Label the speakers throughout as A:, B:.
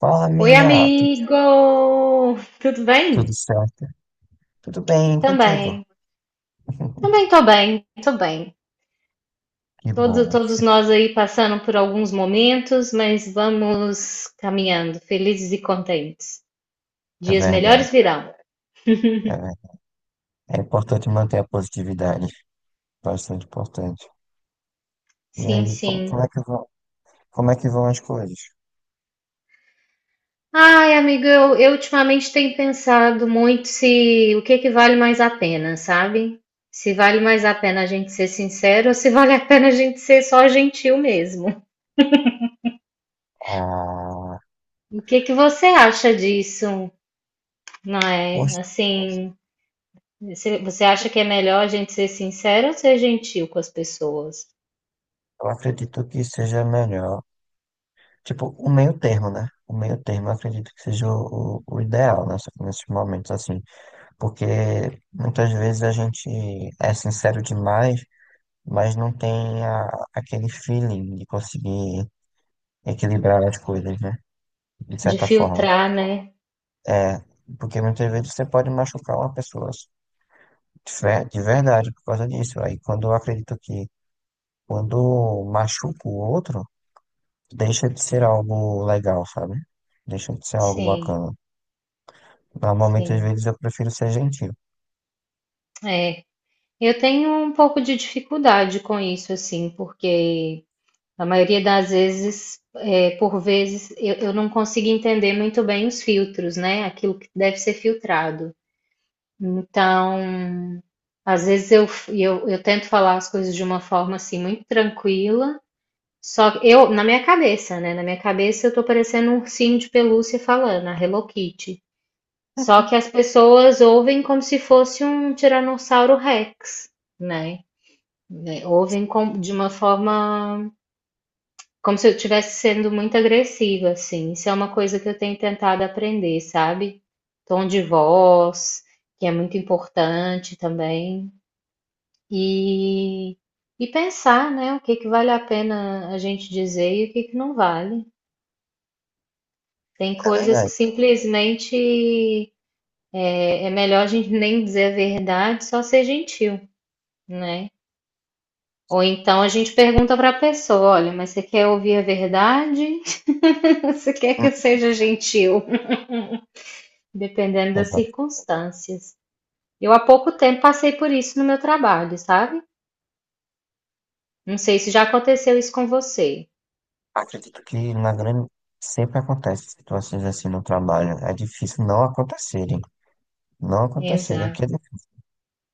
A: Fala,
B: Oi,
A: amiga. Tudo
B: amigo! Tudo bem?
A: Tudo certo? Tudo bem contigo?
B: Também. Também tô bem, tô bem.
A: Que bom.
B: Todos nós aí passando por alguns momentos, mas vamos caminhando, felizes e contentes.
A: É
B: Dias
A: verdade.
B: melhores virão.
A: É, ver- É importante manter a positividade. Bastante importante. E
B: Sim,
A: aí,
B: sim.
A: como é que vão, como é que vão as coisas?
B: Ai, amigo, eu ultimamente tenho pensado muito se o que é que vale mais a pena, sabe? Se vale mais a pena a gente ser sincero ou se vale a pena a gente ser só gentil mesmo.
A: Ah,
B: O que é que você acha disso? Não é?
A: poxa,
B: Assim, você acha que é melhor a gente ser sincero ou ser gentil com as pessoas?
A: eu acredito que seja melhor. Tipo, o meio termo, né? O meio termo eu acredito que seja o ideal nesses momentos, assim. Porque muitas vezes a gente é sincero demais, mas não tem aquele feeling de conseguir equilibrar as coisas, né? De
B: De
A: certa forma.
B: filtrar, né?
A: É, porque muitas vezes você pode machucar uma pessoa de verdade por causa disso. Aí quando eu acredito que quando machuca o outro, deixa de ser algo legal, sabe? Deixa de ser algo
B: Sim,
A: bacana. Normalmente, às
B: sim.
A: vezes, eu prefiro ser gentil.
B: É. Eu tenho um pouco de dificuldade com isso, assim, porque a maioria das vezes, é, por vezes, eu não consigo entender muito bem os filtros, né? Aquilo que deve ser filtrado. Então, às vezes eu tento falar as coisas de uma forma assim muito tranquila. Só que eu, na minha cabeça, né? Na minha cabeça eu tô parecendo um ursinho de pelúcia falando, a Hello Kitty. Só que as pessoas ouvem como se fosse um Tiranossauro Rex, né? Né, de uma forma como se eu estivesse sendo muito agressiva, assim. Isso é uma coisa que eu tenho tentado aprender, sabe? Tom de voz, que é muito importante também. E, e pensar, né? O que que vale a pena a gente dizer e o que que não vale. Tem
A: É
B: coisas que
A: verdade.
B: simplesmente é melhor a gente nem dizer a verdade, só ser gentil, né? Ou então a gente pergunta para a pessoa: olha, mas você quer ouvir a verdade? Você quer que
A: Hum.
B: eu seja gentil? Dependendo das
A: Exato.
B: circunstâncias. Eu há pouco tempo passei por isso no meu trabalho, sabe? Não sei se já aconteceu isso com você.
A: Acredito que na grande sempre acontece situações assim no trabalho. É difícil não acontecerem. Não acontecerem,
B: Exato.
A: que é difícil,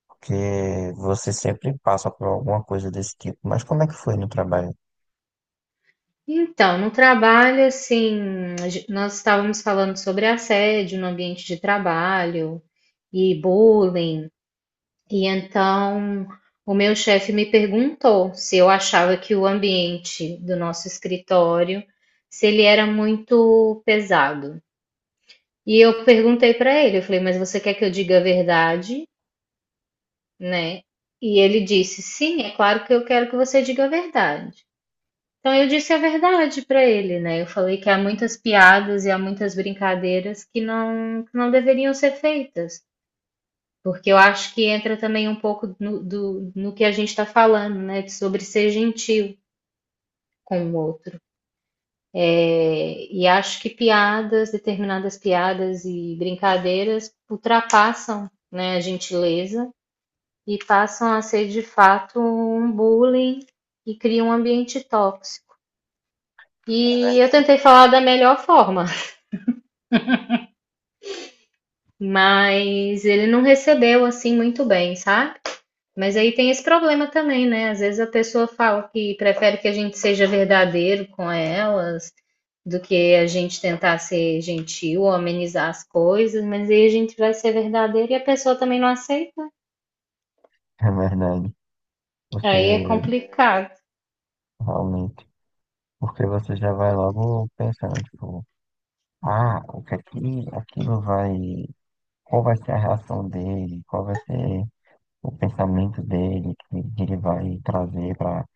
A: porque você sempre passa por alguma coisa desse tipo. Mas como é que foi no trabalho?
B: Então, no trabalho, assim, nós estávamos falando sobre assédio no ambiente de trabalho e bullying, e então o meu chefe me perguntou se eu achava que o ambiente do nosso escritório, se ele era muito pesado. E eu perguntei para ele, eu falei, mas você quer que eu diga a verdade, né? E ele disse, sim, é claro que eu quero que você diga a verdade. Então eu disse a verdade para ele, né, eu falei que há muitas piadas e há muitas brincadeiras que não deveriam ser feitas, porque eu acho que entra também um pouco no que a gente está falando, né, sobre ser gentil com o outro. E acho que piadas, determinadas piadas e brincadeiras ultrapassam, né, a gentileza e passam a ser de fato um bullying e criam um ambiente tóxico. E eu tentei falar da melhor forma, mas ele não recebeu assim muito bem, sabe? Mas aí tem esse problema também, né? Às vezes a pessoa fala que prefere que a gente seja verdadeiro com elas do que a gente tentar ser gentil ou amenizar as coisas, mas aí a gente vai ser verdadeiro e a pessoa também não aceita.
A: É verdade. Você
B: Aí é complicado.
A: realmente. Porque você já vai logo pensando, tipo, ah, o que é que aquilo vai. Qual vai ser a reação dele? Qual vai ser o pensamento dele que ele vai trazer para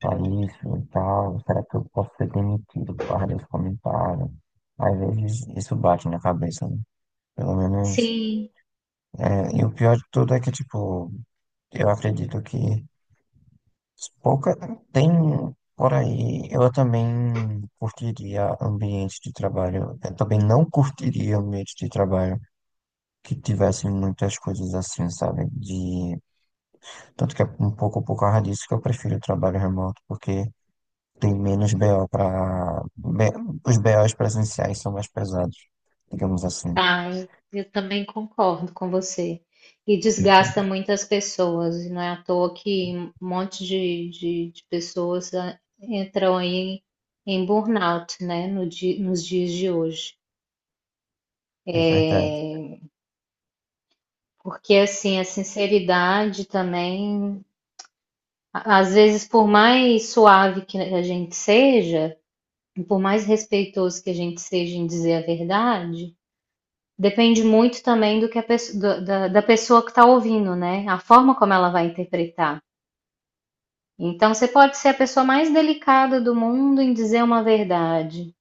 A: isso e tal? Será que eu posso ser demitido por causa desse comentário? Às vezes isso bate na cabeça, né? Pelo menos.
B: Sim.
A: É, e o pior de tudo é que, tipo, eu acredito que pouca tem por aí. Eu também curtiria ambiente de trabalho. Eu também não curtiria ambiente de trabalho que tivessem muitas coisas assim, sabe? De... Tanto que é um pouco por causa disso que eu prefiro o trabalho remoto, porque tem menos BO para... Os BOs presenciais são mais pesados, digamos assim.
B: Ai, eu também concordo com você. E
A: Isso.
B: desgasta muitas pessoas, e não é à toa que um monte de pessoas entram aí em burnout, né, no di- nos dias de hoje.
A: É verdade.
B: É, porque, assim, a sinceridade também, às vezes, por mais suave que a gente seja, e por mais respeitoso que a gente seja em dizer a verdade, depende muito também do que da pessoa que está ouvindo, né? A forma como ela vai interpretar. Então, você pode ser a pessoa mais delicada do mundo em dizer uma verdade,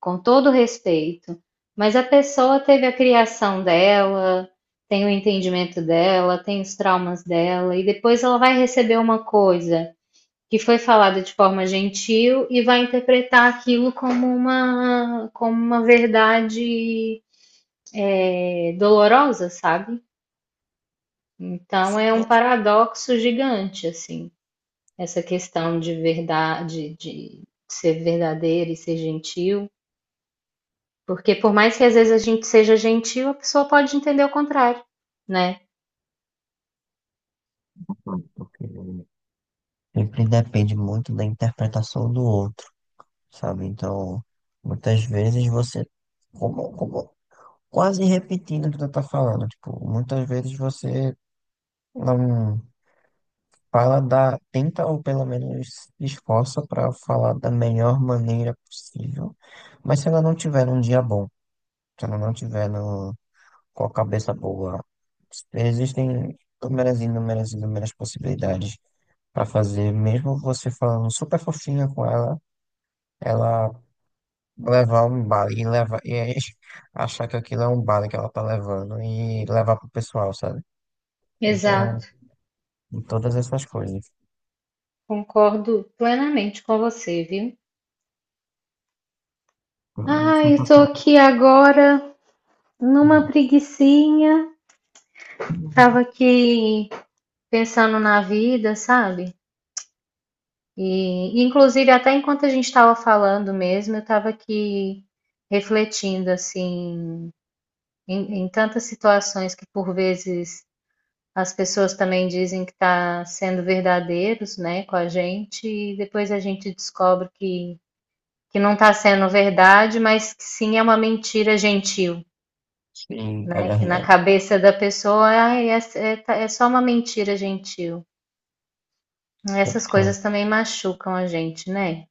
B: com todo respeito, mas a pessoa teve a criação dela, tem o entendimento dela, tem os traumas dela, e depois ela vai receber uma coisa que foi falada de forma gentil e vai interpretar aquilo como uma verdade, é, dolorosa, sabe? Então é um
A: Yes.
B: paradoxo gigante, assim, essa questão de verdade, de ser verdadeiro e ser gentil, porque por mais que às vezes a gente seja gentil, a pessoa pode entender o contrário, né?
A: Ok. Sempre depende muito da interpretação do outro, sabe? Então, muitas vezes como, como- quase repetindo o que tu tá falando, tipo, muitas vezes você não fala da, tenta ou pelo menos se esforça para falar da melhor maneira possível, mas se ela não tiver um dia bom, se ela não tiver no, com a cabeça boa, existem inúmeras e inúmeras e inúmeras possibilidades para fazer. Mesmo você falando super fofinha com ela, ela levar um baile e levar e achar que aquilo é um baile que ela tá levando e levar pro pessoal, sabe? Então,
B: Exato,
A: em todas essas coisas.
B: concordo plenamente com você, viu? Eu tô aqui agora numa preguicinha, tava aqui pensando na vida, sabe? E, inclusive, até enquanto a gente estava falando mesmo, eu estava aqui refletindo, assim, em, em tantas situações que por vezes as pessoas também dizem que está sendo verdadeiros, né, com a gente, e depois a gente descobre que não está sendo verdade, mas que sim é uma mentira gentil,
A: Sim, é
B: né, que na
A: verdade.
B: cabeça da pessoa "Ah, é, é, é só uma mentira gentil.
A: Tanto
B: Essas
A: que,
B: coisas também machucam a gente, né?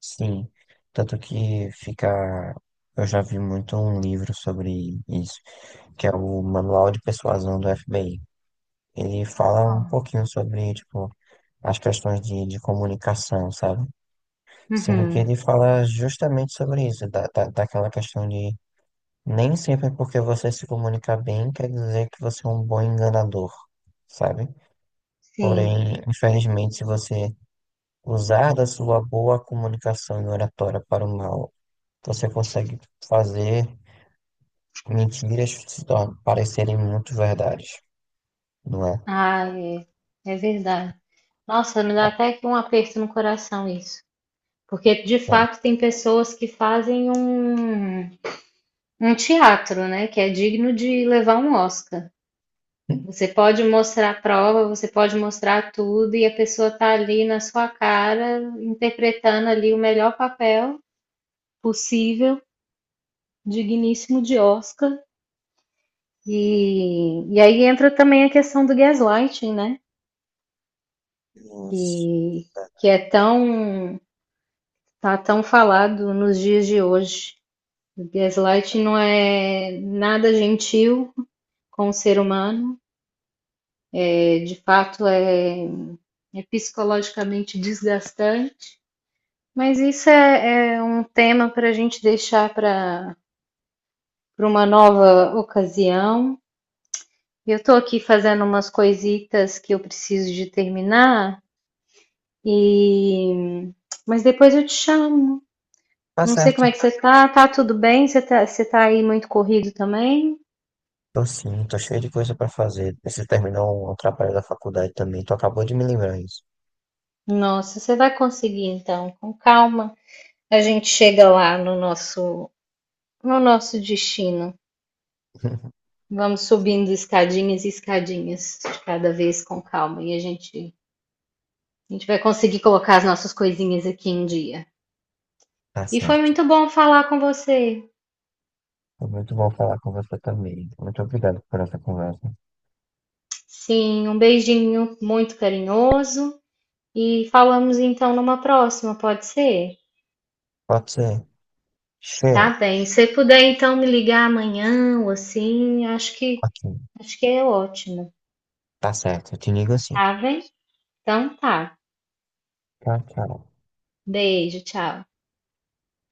A: sim, tanto que fica. Eu já vi muito um livro sobre isso, que é o Manual de Persuasão do FBI. Ele fala um
B: Bom.
A: pouquinho sobre, tipo, as questões de comunicação, sabe? Sendo que
B: Uhum,
A: ele fala justamente sobre isso, daquela questão de nem sempre é porque você se comunica bem quer dizer que você é um bom enganador, sabe?
B: sim.
A: Porém, infelizmente, se você usar da sua boa comunicação e oratória para o mal, você consegue fazer mentiras se tor- parecerem muito verdades, não é?
B: Ah, é, é verdade. Nossa, me dá até que um aperto no coração isso. Porque de
A: Então,
B: fato tem pessoas que fazem um, um teatro, né? Que é digno de levar um Oscar. Você pode mostrar a prova, você pode mostrar tudo, e a pessoa tá ali na sua cara, interpretando ali o melhor papel possível, digníssimo de Oscar. E aí entra também a questão do gaslighting, né?
A: isso.
B: Que, que é tão. Tá tão falado nos dias de hoje. O gaslighting não é nada gentil com o ser humano, é, de fato é, é psicologicamente desgastante, mas isso é um tema para a gente deixar para uma nova ocasião. Eu estou aqui fazendo umas coisitas que eu preciso de terminar, e mas depois eu te chamo.
A: Tá
B: Não sei como
A: certo.
B: é que você tá, tá tudo bem? Você tá aí muito corrido também?
A: Tô sim, tô cheio de coisa para fazer. Você terminou o trabalho da faculdade também, tu acabou de me lembrar isso.
B: Nossa, você vai conseguir então, com calma. A gente chega lá no nosso no nosso destino. Vamos subindo escadinhas e escadinhas de cada vez com calma e a gente vai conseguir colocar as nossas coisinhas aqui em dia.
A: Tá
B: E foi
A: certo.
B: muito bom falar com você.
A: Foi muito bom falar com você também. Muito obrigado por essa conversa.
B: Sim, um beijinho muito carinhoso e falamos então numa próxima, pode ser?
A: Pode ser.
B: Tá
A: Cheiro.
B: bem. Se puder então me ligar amanhã ou assim,
A: Ok.
B: acho que é ótimo.
A: Tá certo. Eu te ligo assim.
B: Tá bem? Então tá.
A: Tchau, tchau.
B: Beijo, tchau.